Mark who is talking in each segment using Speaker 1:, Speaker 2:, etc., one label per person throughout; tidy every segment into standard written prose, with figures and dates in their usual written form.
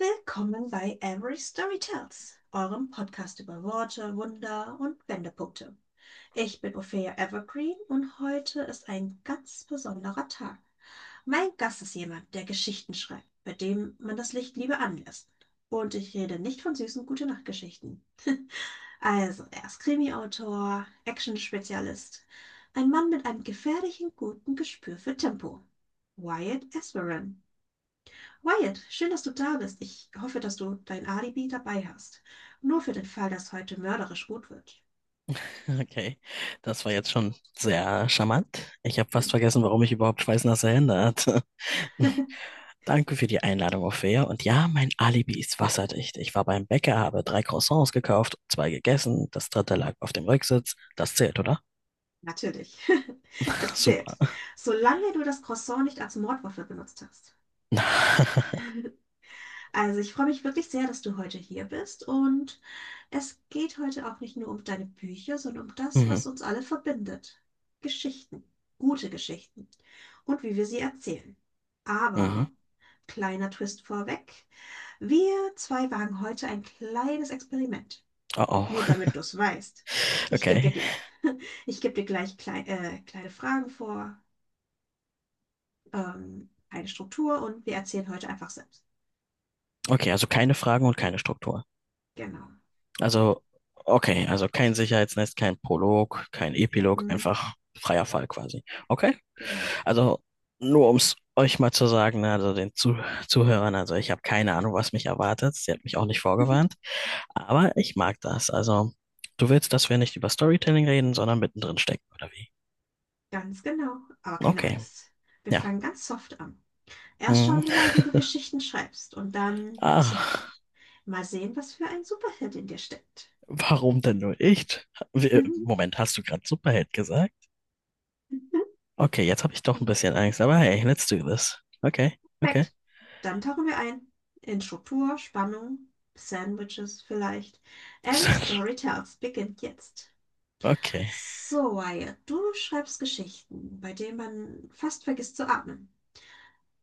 Speaker 1: Willkommen bei Every Story Tells, eurem Podcast über Worte, Wunder und Wendepunkte. Ich bin Ophelia Evergreen und heute ist ein ganz besonderer Tag. Mein Gast ist jemand, der Geschichten schreibt, bei dem man das Licht lieber anlässt. Und ich rede nicht von süßen Gute-Nacht-Geschichten. Also, er ist Krimi-Autor, Action-Spezialist, ein Mann mit einem gefährlichen guten Gespür für Tempo. Wyatt Esperen. Wyatt, schön, dass du da bist. Ich hoffe, dass du dein Alibi dabei hast. Nur für den Fall, dass heute mörderisch gut wird.
Speaker 2: Okay, das war jetzt schon sehr charmant. Ich habe
Speaker 1: Hm,
Speaker 2: fast vergessen, warum ich überhaupt schweißnasse Hände hatte. Danke für die Einladung, Ophäa. Und ja, mein Alibi ist wasserdicht. Ich war beim Bäcker, habe drei Croissants gekauft, zwei gegessen, das dritte lag auf dem Rücksitz. Das zählt, oder?
Speaker 1: natürlich. Es zählt.
Speaker 2: Super.
Speaker 1: Solange du das Croissant nicht als Mordwaffe benutzt hast. Also ich freue mich wirklich sehr, dass du heute hier bist und es geht heute auch nicht nur um deine Bücher, sondern um das,
Speaker 2: Mhm,
Speaker 1: was uns alle verbindet. Geschichten, gute Geschichten und wie wir sie erzählen.
Speaker 2: mhm.
Speaker 1: Aber, kleiner Twist vorweg, wir zwei wagen heute ein kleines Experiment.
Speaker 2: Oh,
Speaker 1: Nur
Speaker 2: oh.
Speaker 1: damit du es weißt. Ich gebe dir,
Speaker 2: Okay.
Speaker 1: gl- ich geb dir gleich kleine Fragen vor, eine Struktur und wir erzählen heute einfach selbst.
Speaker 2: Okay, also keine Fragen und keine Struktur.
Speaker 1: Genau.
Speaker 2: Also, okay, also kein Sicherheitsnetz, kein Prolog, kein Epilog,
Speaker 1: Mhm,
Speaker 2: einfach freier Fall quasi. Okay,
Speaker 1: genau.
Speaker 2: also nur um es euch mal zu sagen, ne, also den Zuhörern, also ich habe keine Ahnung, was mich erwartet. Sie hat mich auch nicht vorgewarnt, aber ich mag das. Also du willst, dass wir nicht über Storytelling reden, sondern mittendrin stecken, oder wie?
Speaker 1: Ganz genau, aber keine
Speaker 2: Okay,
Speaker 1: Angst. Wir
Speaker 2: ja.
Speaker 1: fangen ganz soft an. Erst
Speaker 2: Hm.
Speaker 1: schauen wir mal, wie du Geschichten schreibst und dann, tja,
Speaker 2: Ah,
Speaker 1: mal sehen, was für ein Superheld in dir steckt.
Speaker 2: warum denn nur nicht? Wir- Moment, hast du gerade Superheld gesagt? Okay, jetzt habe ich doch ein bisschen Angst, aber hey, let's do this. Okay, okay.
Speaker 1: Perfekt. Dann tauchen wir ein in Struktur, Spannung, Sandwiches vielleicht. Every Story Tells beginnt jetzt.
Speaker 2: Okay.
Speaker 1: So, Wyatt, du schreibst Geschichten, bei denen man fast vergisst zu atmen.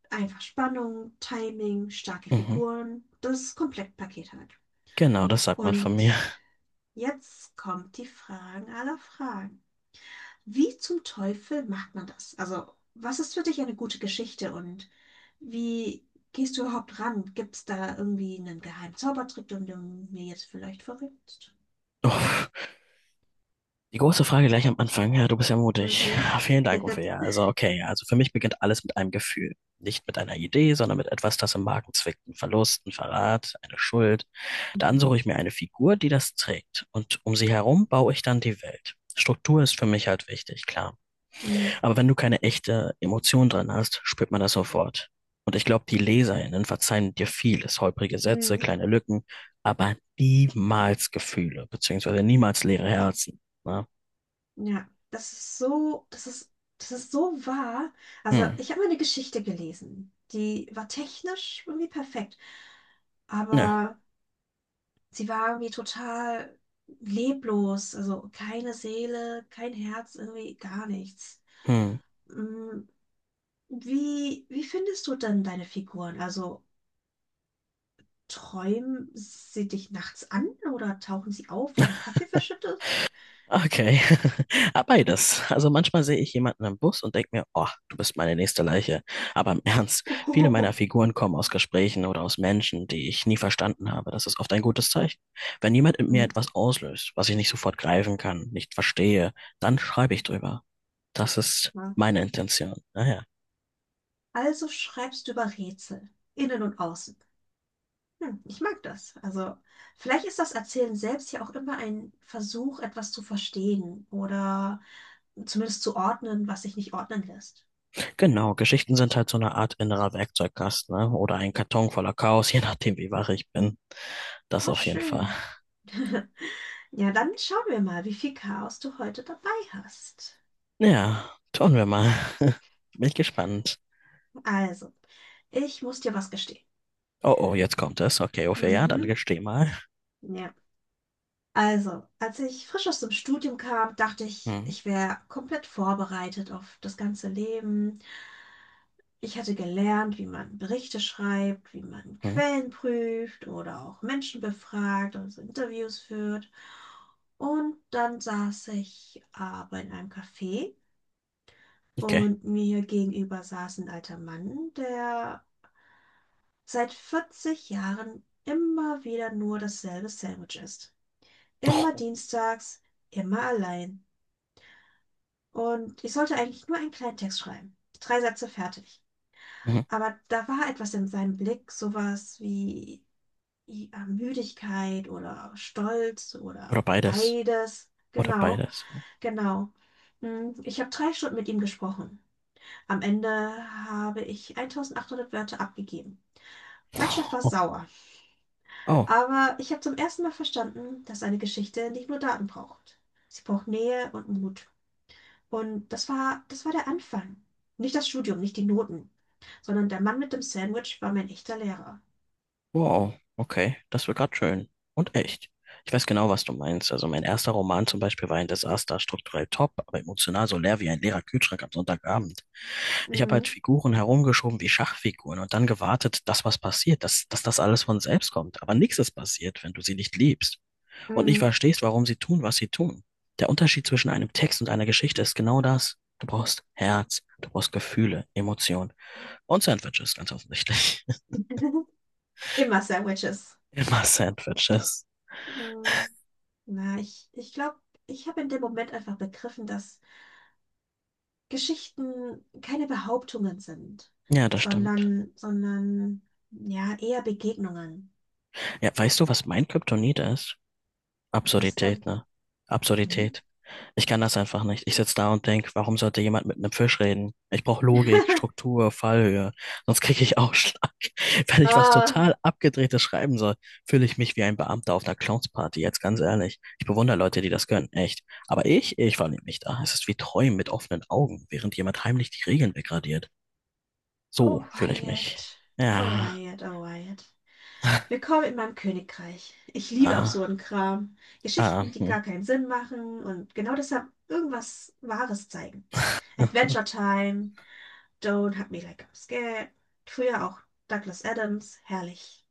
Speaker 1: Einfach Spannung, Timing, starke
Speaker 2: Mhm.
Speaker 1: Figuren, das Komplettpaket halt.
Speaker 2: Genau, das sagt man von
Speaker 1: Und
Speaker 2: mir.
Speaker 1: jetzt kommt die Fragen aller Fragen. Wie zum Teufel macht man das? Also, was ist für dich eine gute Geschichte und wie gehst du überhaupt ran? Gibt es da irgendwie einen geheimen Zaubertrick, den du mir jetzt vielleicht verrätst?
Speaker 2: Uff. Die große Frage gleich am Anfang. Ja, du bist ja mutig.
Speaker 1: Mhm.
Speaker 2: Ah, vielen Dank, Uffe. Ja, also okay. Also für mich beginnt alles mit einem Gefühl. Nicht mit einer Idee, sondern mit etwas, das im Magen zwickt. Ein Verlust, ein Verrat, eine Schuld. Dann
Speaker 1: Mhm.
Speaker 2: suche ich mir eine Figur, die das trägt. Und um sie herum baue ich dann die Welt. Struktur ist für mich halt wichtig, klar.
Speaker 1: Mhm.
Speaker 2: Aber wenn du keine echte Emotion drin hast, spürt man das sofort. Und ich glaube, die LeserInnen verzeihen dir vieles, holprige Sätze,
Speaker 1: Mhm.
Speaker 2: kleine Lücken, aber niemals Gefühle, beziehungsweise niemals leere Herzen. Ne?
Speaker 1: Ja, das ist so wahr. Also,
Speaker 2: Hm.
Speaker 1: ich habe mal eine Geschichte gelesen, die war technisch irgendwie perfekt,
Speaker 2: Ja.
Speaker 1: aber sie war irgendwie total leblos, also keine Seele, kein Herz, irgendwie gar nichts.
Speaker 2: Hm.
Speaker 1: Mm, wie findest du denn deine Figuren? Also träumen sie dich nachts an oder tauchen sie auf, wenn du Kaffee verschüttest?
Speaker 2: Okay. Ah, beides. Also manchmal sehe ich jemanden im Bus und denke mir, oh, du bist meine nächste Leiche. Aber im Ernst, viele meiner
Speaker 1: Oh.
Speaker 2: Figuren kommen aus Gesprächen oder aus Menschen, die ich nie verstanden habe. Das ist oft ein gutes Zeichen. Wenn jemand in mir
Speaker 1: Mhm.
Speaker 2: etwas auslöst, was ich nicht sofort greifen kann, nicht verstehe, dann schreibe ich drüber. Das ist
Speaker 1: Ja.
Speaker 2: meine Intention. Naja.
Speaker 1: Also schreibst du über Rätsel, innen und außen. Hm, ich mag das. Also, vielleicht ist das Erzählen selbst ja auch immer ein Versuch, etwas zu verstehen oder zumindest zu ordnen, was sich nicht ordnen lässt.
Speaker 2: Genau, Geschichten sind halt so eine Art innerer Werkzeugkasten, ne? Oder ein Karton voller Chaos, je nachdem, wie wach ich bin. Das
Speaker 1: Oh,
Speaker 2: auf jeden Fall.
Speaker 1: schön. Ja, dann schauen wir mal, wie viel Chaos du heute dabei hast.
Speaker 2: Ja, tun wir mal. Bin gespannt.
Speaker 1: Also, ich muss dir was gestehen.
Speaker 2: Oh, oh, jetzt kommt es. Okay, Ophelia, ja, dann
Speaker 1: Mhm.
Speaker 2: gesteh mal.
Speaker 1: Ja. Also, als ich frisch aus dem Studium kam, dachte ich,
Speaker 2: Hm,
Speaker 1: ich wäre komplett vorbereitet auf das ganze Leben. Ich hatte gelernt, wie man Berichte schreibt, wie man
Speaker 2: hm,
Speaker 1: Quellen prüft oder auch Menschen befragt, also Interviews führt. Und dann saß ich aber in einem Café
Speaker 2: okay.
Speaker 1: und mir gegenüber saß ein alter Mann, der seit 40 Jahren immer wieder nur dasselbe Sandwich isst. Immer
Speaker 2: Oh,
Speaker 1: dienstags, immer allein. Und ich sollte eigentlich nur einen kleinen Text schreiben. Drei Sätze fertig.
Speaker 2: mhm.
Speaker 1: Aber da war etwas in seinem Blick, sowas wie ja, Müdigkeit oder Stolz oder
Speaker 2: Oder beides.
Speaker 1: beides.
Speaker 2: Oder
Speaker 1: Genau,
Speaker 2: beides.
Speaker 1: genau. Hm, ich habe drei Stunden mit ihm gesprochen. Am Ende habe ich 1800 Wörter abgegeben. Mein Chef war
Speaker 2: Oh,
Speaker 1: sauer,
Speaker 2: oh,
Speaker 1: aber ich habe zum ersten Mal verstanden, dass eine Geschichte nicht nur Daten braucht. Sie braucht Nähe und Mut. Und das war der Anfang. Nicht das Studium, nicht die Noten, sondern der Mann mit dem Sandwich war mein echter Lehrer.
Speaker 2: wow. Okay, das wird gerade schön. Und echt. Ich weiß genau, was du meinst. Also mein erster Roman zum Beispiel war ein Desaster, strukturell top, aber emotional so leer wie ein leerer Kühlschrank am Sonntagabend. Ich habe halt
Speaker 1: Mhm.
Speaker 2: Figuren herumgeschoben wie Schachfiguren und dann gewartet, dass was passiert, dass das alles von selbst kommt. Aber nichts ist passiert, wenn du sie nicht liebst und nicht
Speaker 1: Mhm.
Speaker 2: verstehst, warum sie tun, was sie tun. Der Unterschied zwischen einem Text und einer Geschichte ist genau das. Du brauchst Herz, du brauchst Gefühle, Emotionen und Sandwiches, ganz offensichtlich.
Speaker 1: Immer Sandwiches.
Speaker 2: Immer Sandwiches.
Speaker 1: Mhm. Na, ich glaube, ich habe in dem Moment einfach begriffen, dass Geschichten keine Behauptungen sind,
Speaker 2: Ja, das stimmt.
Speaker 1: sondern ja, eher Begegnungen.
Speaker 2: Ja, weißt du, was mein Kryptonit ist?
Speaker 1: Was
Speaker 2: Absurdität,
Speaker 1: denn?
Speaker 2: ne?
Speaker 1: Hm?
Speaker 2: Absurdität. Ich kann das einfach nicht. Ich sitze da und denk, warum sollte jemand mit einem Fisch reden? Ich brauche Logik, Struktur, Fallhöhe. Sonst kriege ich Ausschlag. Wenn ich was
Speaker 1: Oh,
Speaker 2: total Abgedrehtes schreiben soll, fühle ich mich wie ein Beamter auf einer Clownsparty, jetzt ganz ehrlich. Ich bewundere Leute, die das können, echt. Aber ich verlieb mich da. Es ist wie Träumen mit offenen Augen, während jemand heimlich die Regeln degradiert.
Speaker 1: oh
Speaker 2: So fühle ich mich.
Speaker 1: Wyatt.
Speaker 2: Ja.
Speaker 1: Oh Wyatt. Willkommen in meinem Königreich. Ich liebe
Speaker 2: Ah,
Speaker 1: absurden Kram,
Speaker 2: ah,
Speaker 1: Geschichten, die
Speaker 2: hm.
Speaker 1: gar keinen Sinn machen und genau deshalb irgendwas Wahres zeigen. Adventure Time, Don't Hug Me Like I'm Scared, früher auch Douglas Adams, herrlich.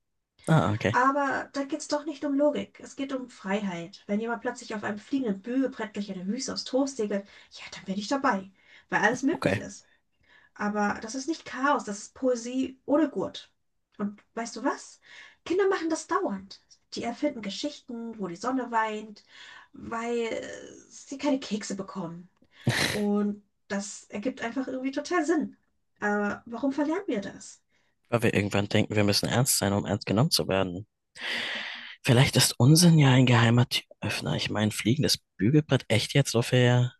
Speaker 2: Ah, okay.
Speaker 1: Aber da geht's doch nicht um Logik, es geht um Freiheit. Wenn jemand plötzlich auf einem fliegenden Bügelbrett durch eine Wüste aus Toast segelt, ja, dann bin ich dabei, weil alles möglich
Speaker 2: Okay.
Speaker 1: ist. Aber das ist nicht Chaos, das ist Poesie ohne Gurt. Und weißt du was? Kinder machen das dauernd. Die erfinden Geschichten, wo die Sonne weint, weil sie keine Kekse bekommen. Und das ergibt einfach irgendwie total Sinn. Aber warum verlernen wir das?
Speaker 2: Weil wir irgendwann denken, wir müssen ernst sein, um ernst genommen zu werden. Vielleicht ist Unsinn ja ein geheimer Türöffner. Ich meine, fliegendes Bügelbrett, echt jetzt so viel?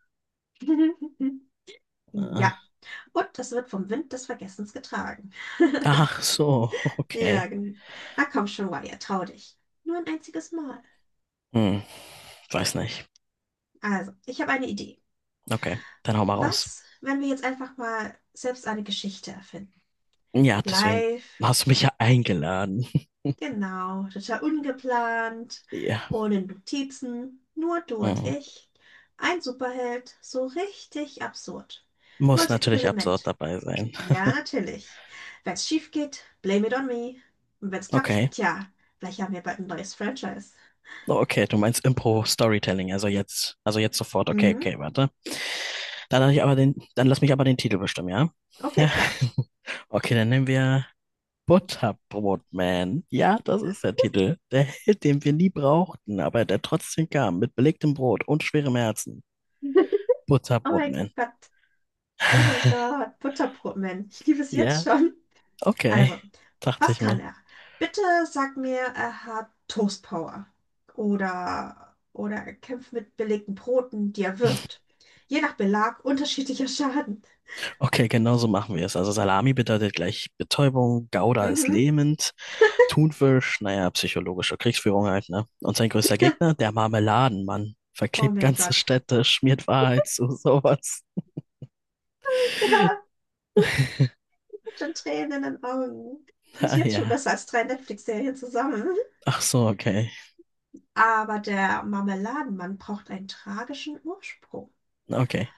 Speaker 2: Äh,
Speaker 1: Ja. Und das wird vom Wind des Vergessens getragen.
Speaker 2: ach so,
Speaker 1: Ja,
Speaker 2: okay.
Speaker 1: genau. Na komm schon, Wyatt, trau dich. Nur ein einziges Mal.
Speaker 2: Hm, weiß nicht.
Speaker 1: Also, ich habe eine Idee.
Speaker 2: Okay, dann hau mal raus.
Speaker 1: Was, wenn wir jetzt einfach mal selbst eine Geschichte erfinden?
Speaker 2: Ja, deswegen
Speaker 1: Live,
Speaker 2: hast du mich ja eingeladen.
Speaker 1: genau, total ungeplant,
Speaker 2: Ja,
Speaker 1: ohne Notizen, nur du und
Speaker 2: hm.
Speaker 1: ich. Ein Superheld, so richtig absurd. Nur
Speaker 2: Muss
Speaker 1: als
Speaker 2: natürlich absurd
Speaker 1: Experiment.
Speaker 2: dabei sein.
Speaker 1: Ja, natürlich. Wenn's schief geht, blame it on me. Und wenn's klappt,
Speaker 2: Okay.
Speaker 1: tja, vielleicht haben wir bald ein neues Franchise.
Speaker 2: Oh, okay, du meinst Impro-Storytelling, also jetzt sofort. Okay,
Speaker 1: Mhm,
Speaker 2: okay, warte. Dann lass ich aber den, dann lass mich aber den Titel bestimmen, ja?
Speaker 1: okay,
Speaker 2: Ja.
Speaker 1: klar.
Speaker 2: Okay, dann nehmen wir Butterbrotman. Ja, das ist der Titel. Der Held, den wir nie brauchten, aber der trotzdem kam, mit belegtem Brot und schwerem Herzen.
Speaker 1: Oh mein
Speaker 2: Butterbrotman.
Speaker 1: Gott, oh mein Gott, Butterbrotman. Ich liebe es jetzt
Speaker 2: Ja,
Speaker 1: schon.
Speaker 2: okay.
Speaker 1: Also,
Speaker 2: Dachte
Speaker 1: was
Speaker 2: ich
Speaker 1: kann
Speaker 2: mir.
Speaker 1: er? Bitte sag mir, er hat Toastpower oder er kämpft mit belegten Broten, die er wirft. Je nach Belag unterschiedlicher Schaden.
Speaker 2: Okay, genau so machen wir es. Also Salami bedeutet gleich Betäubung, Gouda ist
Speaker 1: Mhm.
Speaker 2: lähmend, Thunfisch, naja, psychologische Kriegsführung halt, ne? Und sein größter Gegner, der Marmeladenmann,
Speaker 1: Oh
Speaker 2: verklebt
Speaker 1: mein
Speaker 2: ganze
Speaker 1: Gott.
Speaker 2: Städte, schmiert Wahrheit zu sowas.
Speaker 1: Schon Tränen in den Augen. Das ist
Speaker 2: Ah
Speaker 1: jetzt schon
Speaker 2: ja.
Speaker 1: besser als drei Netflix-Serien zusammen.
Speaker 2: Ach so, okay.
Speaker 1: Aber der Marmeladenmann braucht einen tragischen Ursprung.
Speaker 2: Okay.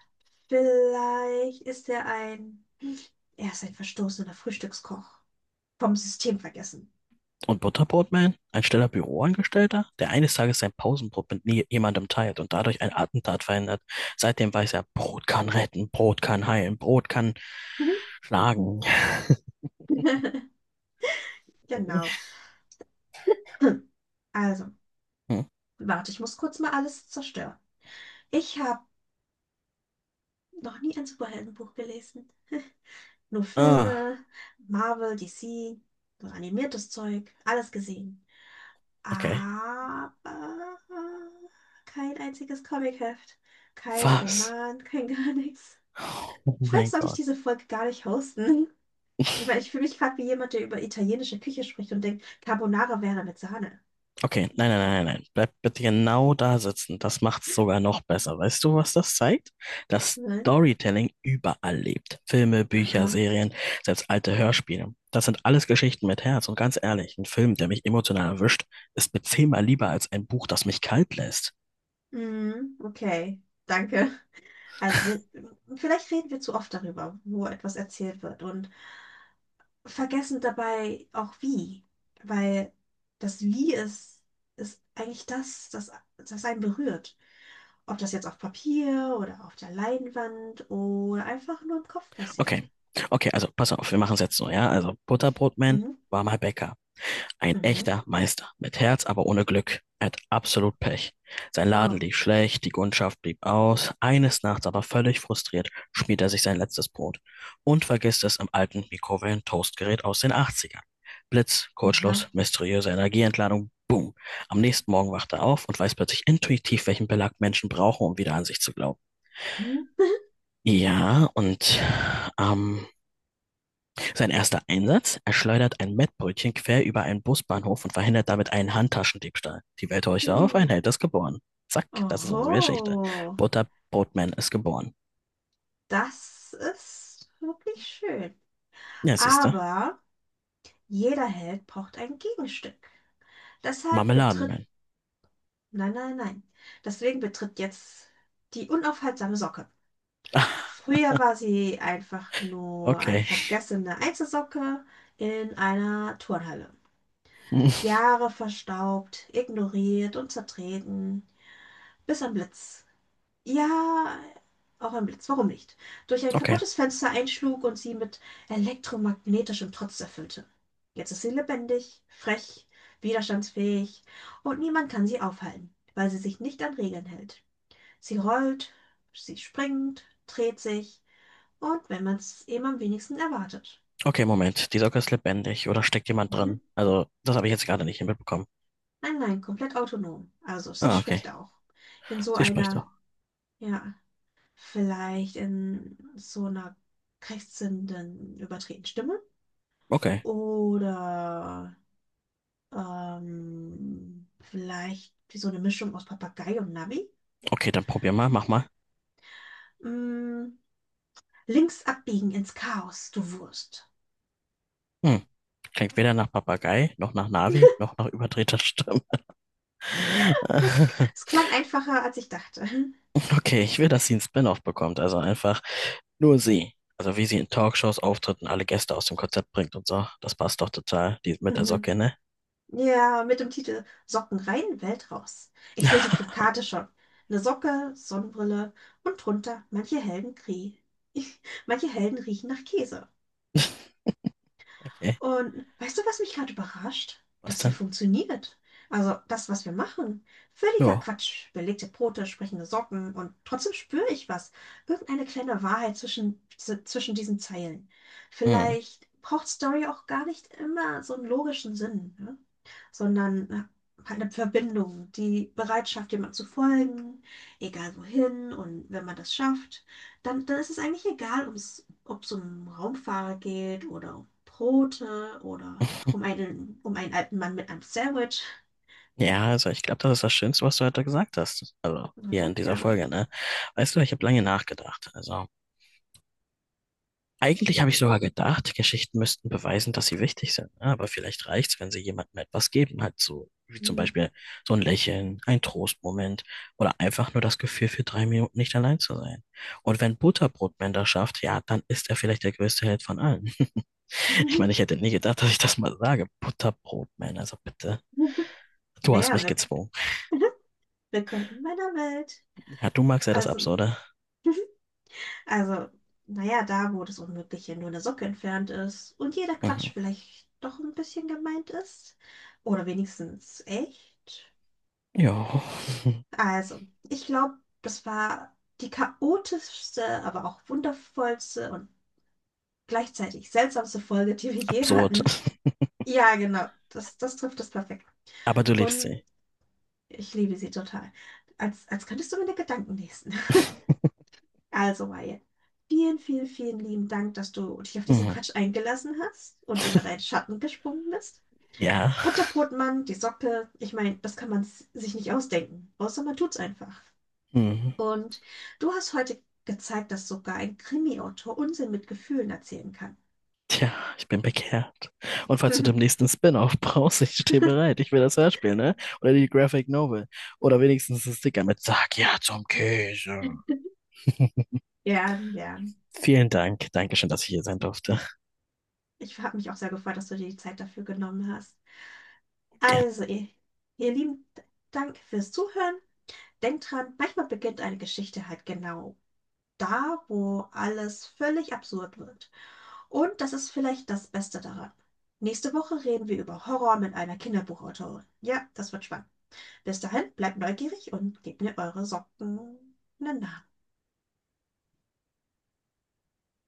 Speaker 1: Vielleicht ist er ein... Er ist ein verstoßener Frühstückskoch. Vom System vergessen.
Speaker 2: Und Butterbrotman, ein stiller Büroangestellter, der eines Tages sein Pausenbrot mit nie jemandem teilt und dadurch ein Attentat verhindert. Seitdem weiß er, Brot kann retten, Brot kann heilen, Brot kann
Speaker 1: Mhm.
Speaker 2: schlagen.
Speaker 1: Genau. Hm, also,
Speaker 2: Hm.
Speaker 1: warte, ich muss kurz mal alles zerstören. Ich habe noch nie ein Superheldenbuch gelesen. Nur
Speaker 2: Ah,
Speaker 1: Filme, Marvel, DC, so animiertes Zeug, alles gesehen.
Speaker 2: okay.
Speaker 1: Aber kein einziges Comicheft, kein
Speaker 2: Was?
Speaker 1: Roman, kein gar nichts.
Speaker 2: Oh
Speaker 1: Vielleicht
Speaker 2: mein
Speaker 1: sollte ich
Speaker 2: Gott.
Speaker 1: diese Folge gar nicht hosten. Ich meine, ich fühle mich gerade wie jemand, der über italienische Küche spricht und denkt, Carbonara wäre mit Sahne.
Speaker 2: Okay, nein, nein, nein, nein, nein. Bleib bitte genau da sitzen. Das macht's sogar noch besser. Weißt du, was das zeigt? Dass
Speaker 1: Nein?
Speaker 2: Storytelling überall lebt. Filme, Bücher,
Speaker 1: Aha.
Speaker 2: Serien, selbst alte Hörspiele. Das sind alles Geschichten mit Herz. Und ganz ehrlich, ein Film, der mich emotional erwischt, ist mir zehnmal lieber als ein Buch, das mich kalt lässt.
Speaker 1: Mhm, okay. Danke. Also wir, vielleicht reden wir zu oft darüber, wo etwas erzählt wird und vergessen dabei auch wie, weil das Wie ist, ist eigentlich das einen berührt. Ob das jetzt auf Papier oder auf der Leinwand oder einfach nur im Kopf passiert.
Speaker 2: Okay, okay, also pass auf, wir machen es jetzt so, ja? Also Butterbrotman,
Speaker 1: Mhm.
Speaker 2: warmer Bäcker. Ein
Speaker 1: Mhm.
Speaker 2: echter Meister. Mit Herz, aber ohne Glück. Er hat absolut Pech. Sein Laden
Speaker 1: Oh.
Speaker 2: lief schlecht, die Kundschaft blieb aus. Eines Nachts aber völlig frustriert schmiert er sich sein letztes Brot und vergisst es im alten Mikrowellen-Toastgerät aus den 80ern. Blitz,
Speaker 1: Ja.
Speaker 2: Kurzschluss, mysteriöse Energieentladung, boom. Am nächsten Morgen wacht er auf und weiß plötzlich intuitiv, welchen Belag Menschen brauchen, um wieder an sich zu glauben.
Speaker 1: Hm.
Speaker 2: Ja, und am sein erster Einsatz? Er schleudert ein Mettbrötchen quer über einen Busbahnhof und verhindert damit einen Handtaschendiebstahl. Die Welt horcht auf, ein Held ist geboren. Zack, das ist unsere Geschichte.
Speaker 1: Oho,
Speaker 2: Butterbrotman ist geboren.
Speaker 1: das ist wirklich schön.
Speaker 2: Ja, siehste.
Speaker 1: Aber jeder Held braucht ein Gegenstück. Deshalb betritt,
Speaker 2: Marmeladenman.
Speaker 1: nein, nein, nein. Deswegen betritt jetzt die unaufhaltsame Socke.
Speaker 2: Ah,
Speaker 1: Früher war sie einfach nur eine
Speaker 2: okay.
Speaker 1: vergessene Einzelsocke in einer Turnhalle.
Speaker 2: Hm,
Speaker 1: Jahre verstaubt, ignoriert und zertreten, bis ein Blitz ja, auch ein Blitz, warum nicht? Durch ein
Speaker 2: okay.
Speaker 1: kaputtes Fenster einschlug und sie mit elektromagnetischem Trotz erfüllte. Jetzt ist sie lebendig, frech, widerstandsfähig und niemand kann sie aufhalten, weil sie sich nicht an Regeln hält. Sie rollt, sie springt, dreht sich und wenn man es eben am wenigsten erwartet.
Speaker 2: Okay, Moment. Die Socke ist lebendig oder steckt jemand
Speaker 1: Mhm.
Speaker 2: drin? Also, das habe ich jetzt gerade nicht mitbekommen.
Speaker 1: Nein, nein, komplett autonom. Also, sie
Speaker 2: Ah,
Speaker 1: spricht
Speaker 2: okay.
Speaker 1: auch. In so
Speaker 2: Sie spricht
Speaker 1: einer,
Speaker 2: doch.
Speaker 1: ja. Vielleicht in so einer krächzenden, überdrehten Stimme
Speaker 2: Okay.
Speaker 1: oder vielleicht wie so eine Mischung aus Papagei und Navi.
Speaker 2: Okay, dann probier mal, mach mal.
Speaker 1: Mm, links abbiegen ins Chaos, du Wurst.
Speaker 2: Hm. Klingt weder nach Papagei, noch nach Navi, noch nach überdrehter Stimme.
Speaker 1: Das, das klang einfacher, als ich dachte.
Speaker 2: Okay, ich will, dass sie einen Spin-off bekommt, also einfach nur sie. Also wie sie in Talkshows auftritt und alle Gäste aus dem Konzept bringt und so. Das passt doch total, die mit der
Speaker 1: Mhm.
Speaker 2: Socke, ne?
Speaker 1: Ja, mit dem Titel Socken rein, Welt raus. Ich sehe die Plakate schon. Eine Socke, Sonnenbrille und drunter manche manche Helden riechen nach Käse.
Speaker 2: Okay,
Speaker 1: Und weißt du, was mich gerade überrascht?
Speaker 2: was
Speaker 1: Das hier
Speaker 2: denn?
Speaker 1: funktioniert. Also das, was wir machen. Völliger
Speaker 2: Ja.
Speaker 1: Quatsch. Belegte Brote, sprechende Socken und trotzdem spüre ich was. Irgendeine kleine Wahrheit zwischen diesen Zeilen.
Speaker 2: Hm.
Speaker 1: Vielleicht braucht Story auch gar nicht immer so einen logischen Sinn, ne? Sondern halt eine Verbindung, die Bereitschaft, jemand zu folgen, egal wohin. Und wenn man das schafft, dann ist es eigentlich egal, ob es um Raumfahrer geht oder um Brote oder um um einen alten Mann mit einem Sandwich.
Speaker 2: Ja, also ich glaube, das ist das Schönste, was du heute gesagt hast. Also
Speaker 1: Na,
Speaker 2: hier in dieser
Speaker 1: danke.
Speaker 2: Folge, ne? Weißt du, ich habe lange nachgedacht. Also. Eigentlich habe ich sogar gedacht, Geschichten müssten beweisen, dass sie wichtig sind, ne? Aber vielleicht reicht's, wenn sie jemandem etwas geben, halt so, wie zum Beispiel so ein Lächeln, ein Trostmoment oder einfach nur das Gefühl, für drei Minuten nicht allein zu sein. Und wenn Butterbrotman das schafft, ja, dann ist er vielleicht der größte Held von allen. Ich
Speaker 1: Mhm.
Speaker 2: meine, ich hätte nie gedacht, dass ich das mal sage. Butterbrotman, also bitte. Du hast
Speaker 1: Naja,
Speaker 2: mich
Speaker 1: wir-
Speaker 2: gezwungen.
Speaker 1: willkommen in meiner Welt.
Speaker 2: Ja, du magst ja das
Speaker 1: Also.
Speaker 2: Absurde.
Speaker 1: Also, naja, da, wo das Unmögliche nur eine Socke entfernt ist und jeder
Speaker 2: Mhm.
Speaker 1: Quatsch vielleicht doch ein bisschen gemeint ist. Oder wenigstens echt.
Speaker 2: Ja,
Speaker 1: Also, ich glaube, das war die chaotischste, aber auch wundervollste und gleichzeitig seltsamste Folge, die wir je
Speaker 2: absurd.
Speaker 1: hatten. Ja, genau, das trifft es perfekt.
Speaker 2: Aber du liebst
Speaker 1: Und
Speaker 2: sie.
Speaker 1: ich liebe sie total. Als könntest du meine Gedanken lesen. Also, Wyatt, vielen, vielen lieben Dank, dass du dich auf diesen
Speaker 2: Mhm.
Speaker 1: Quatsch eingelassen hast und über deinen Schatten gesprungen bist.
Speaker 2: Ja.
Speaker 1: Butterbrotmann, die Socke, ich meine, das kann man sich nicht ausdenken, außer man tut's einfach.
Speaker 2: Mhm.
Speaker 1: Und du hast heute gezeigt, dass sogar ein Krimi-Autor Unsinn mit Gefühlen erzählen kann.
Speaker 2: Tja, ich bin bekehrt. Und falls du demnächst einen Spin-off brauchst, ich stehe bereit. Ich will das Hörspiel, ne? Oder die Graphic Novel. Oder wenigstens ein Sticker mit Sag ja zum Käse.
Speaker 1: Gern, gern.
Speaker 2: Vielen Dank. Dankeschön, dass ich hier sein durfte.
Speaker 1: Ich habe mich auch sehr gefreut, dass du dir die Zeit dafür genommen hast.
Speaker 2: Gerne.
Speaker 1: Also, ihr Lieben, Dank fürs Zuhören. Denkt dran, manchmal beginnt eine Geschichte halt genau da, wo alles völlig absurd wird. Und das ist vielleicht das Beste daran. Nächste Woche reden wir über Horror mit einer Kinderbuchautorin. Ja, das wird spannend. Bis dahin, bleibt neugierig und gebt mir eure Socken. Na, na.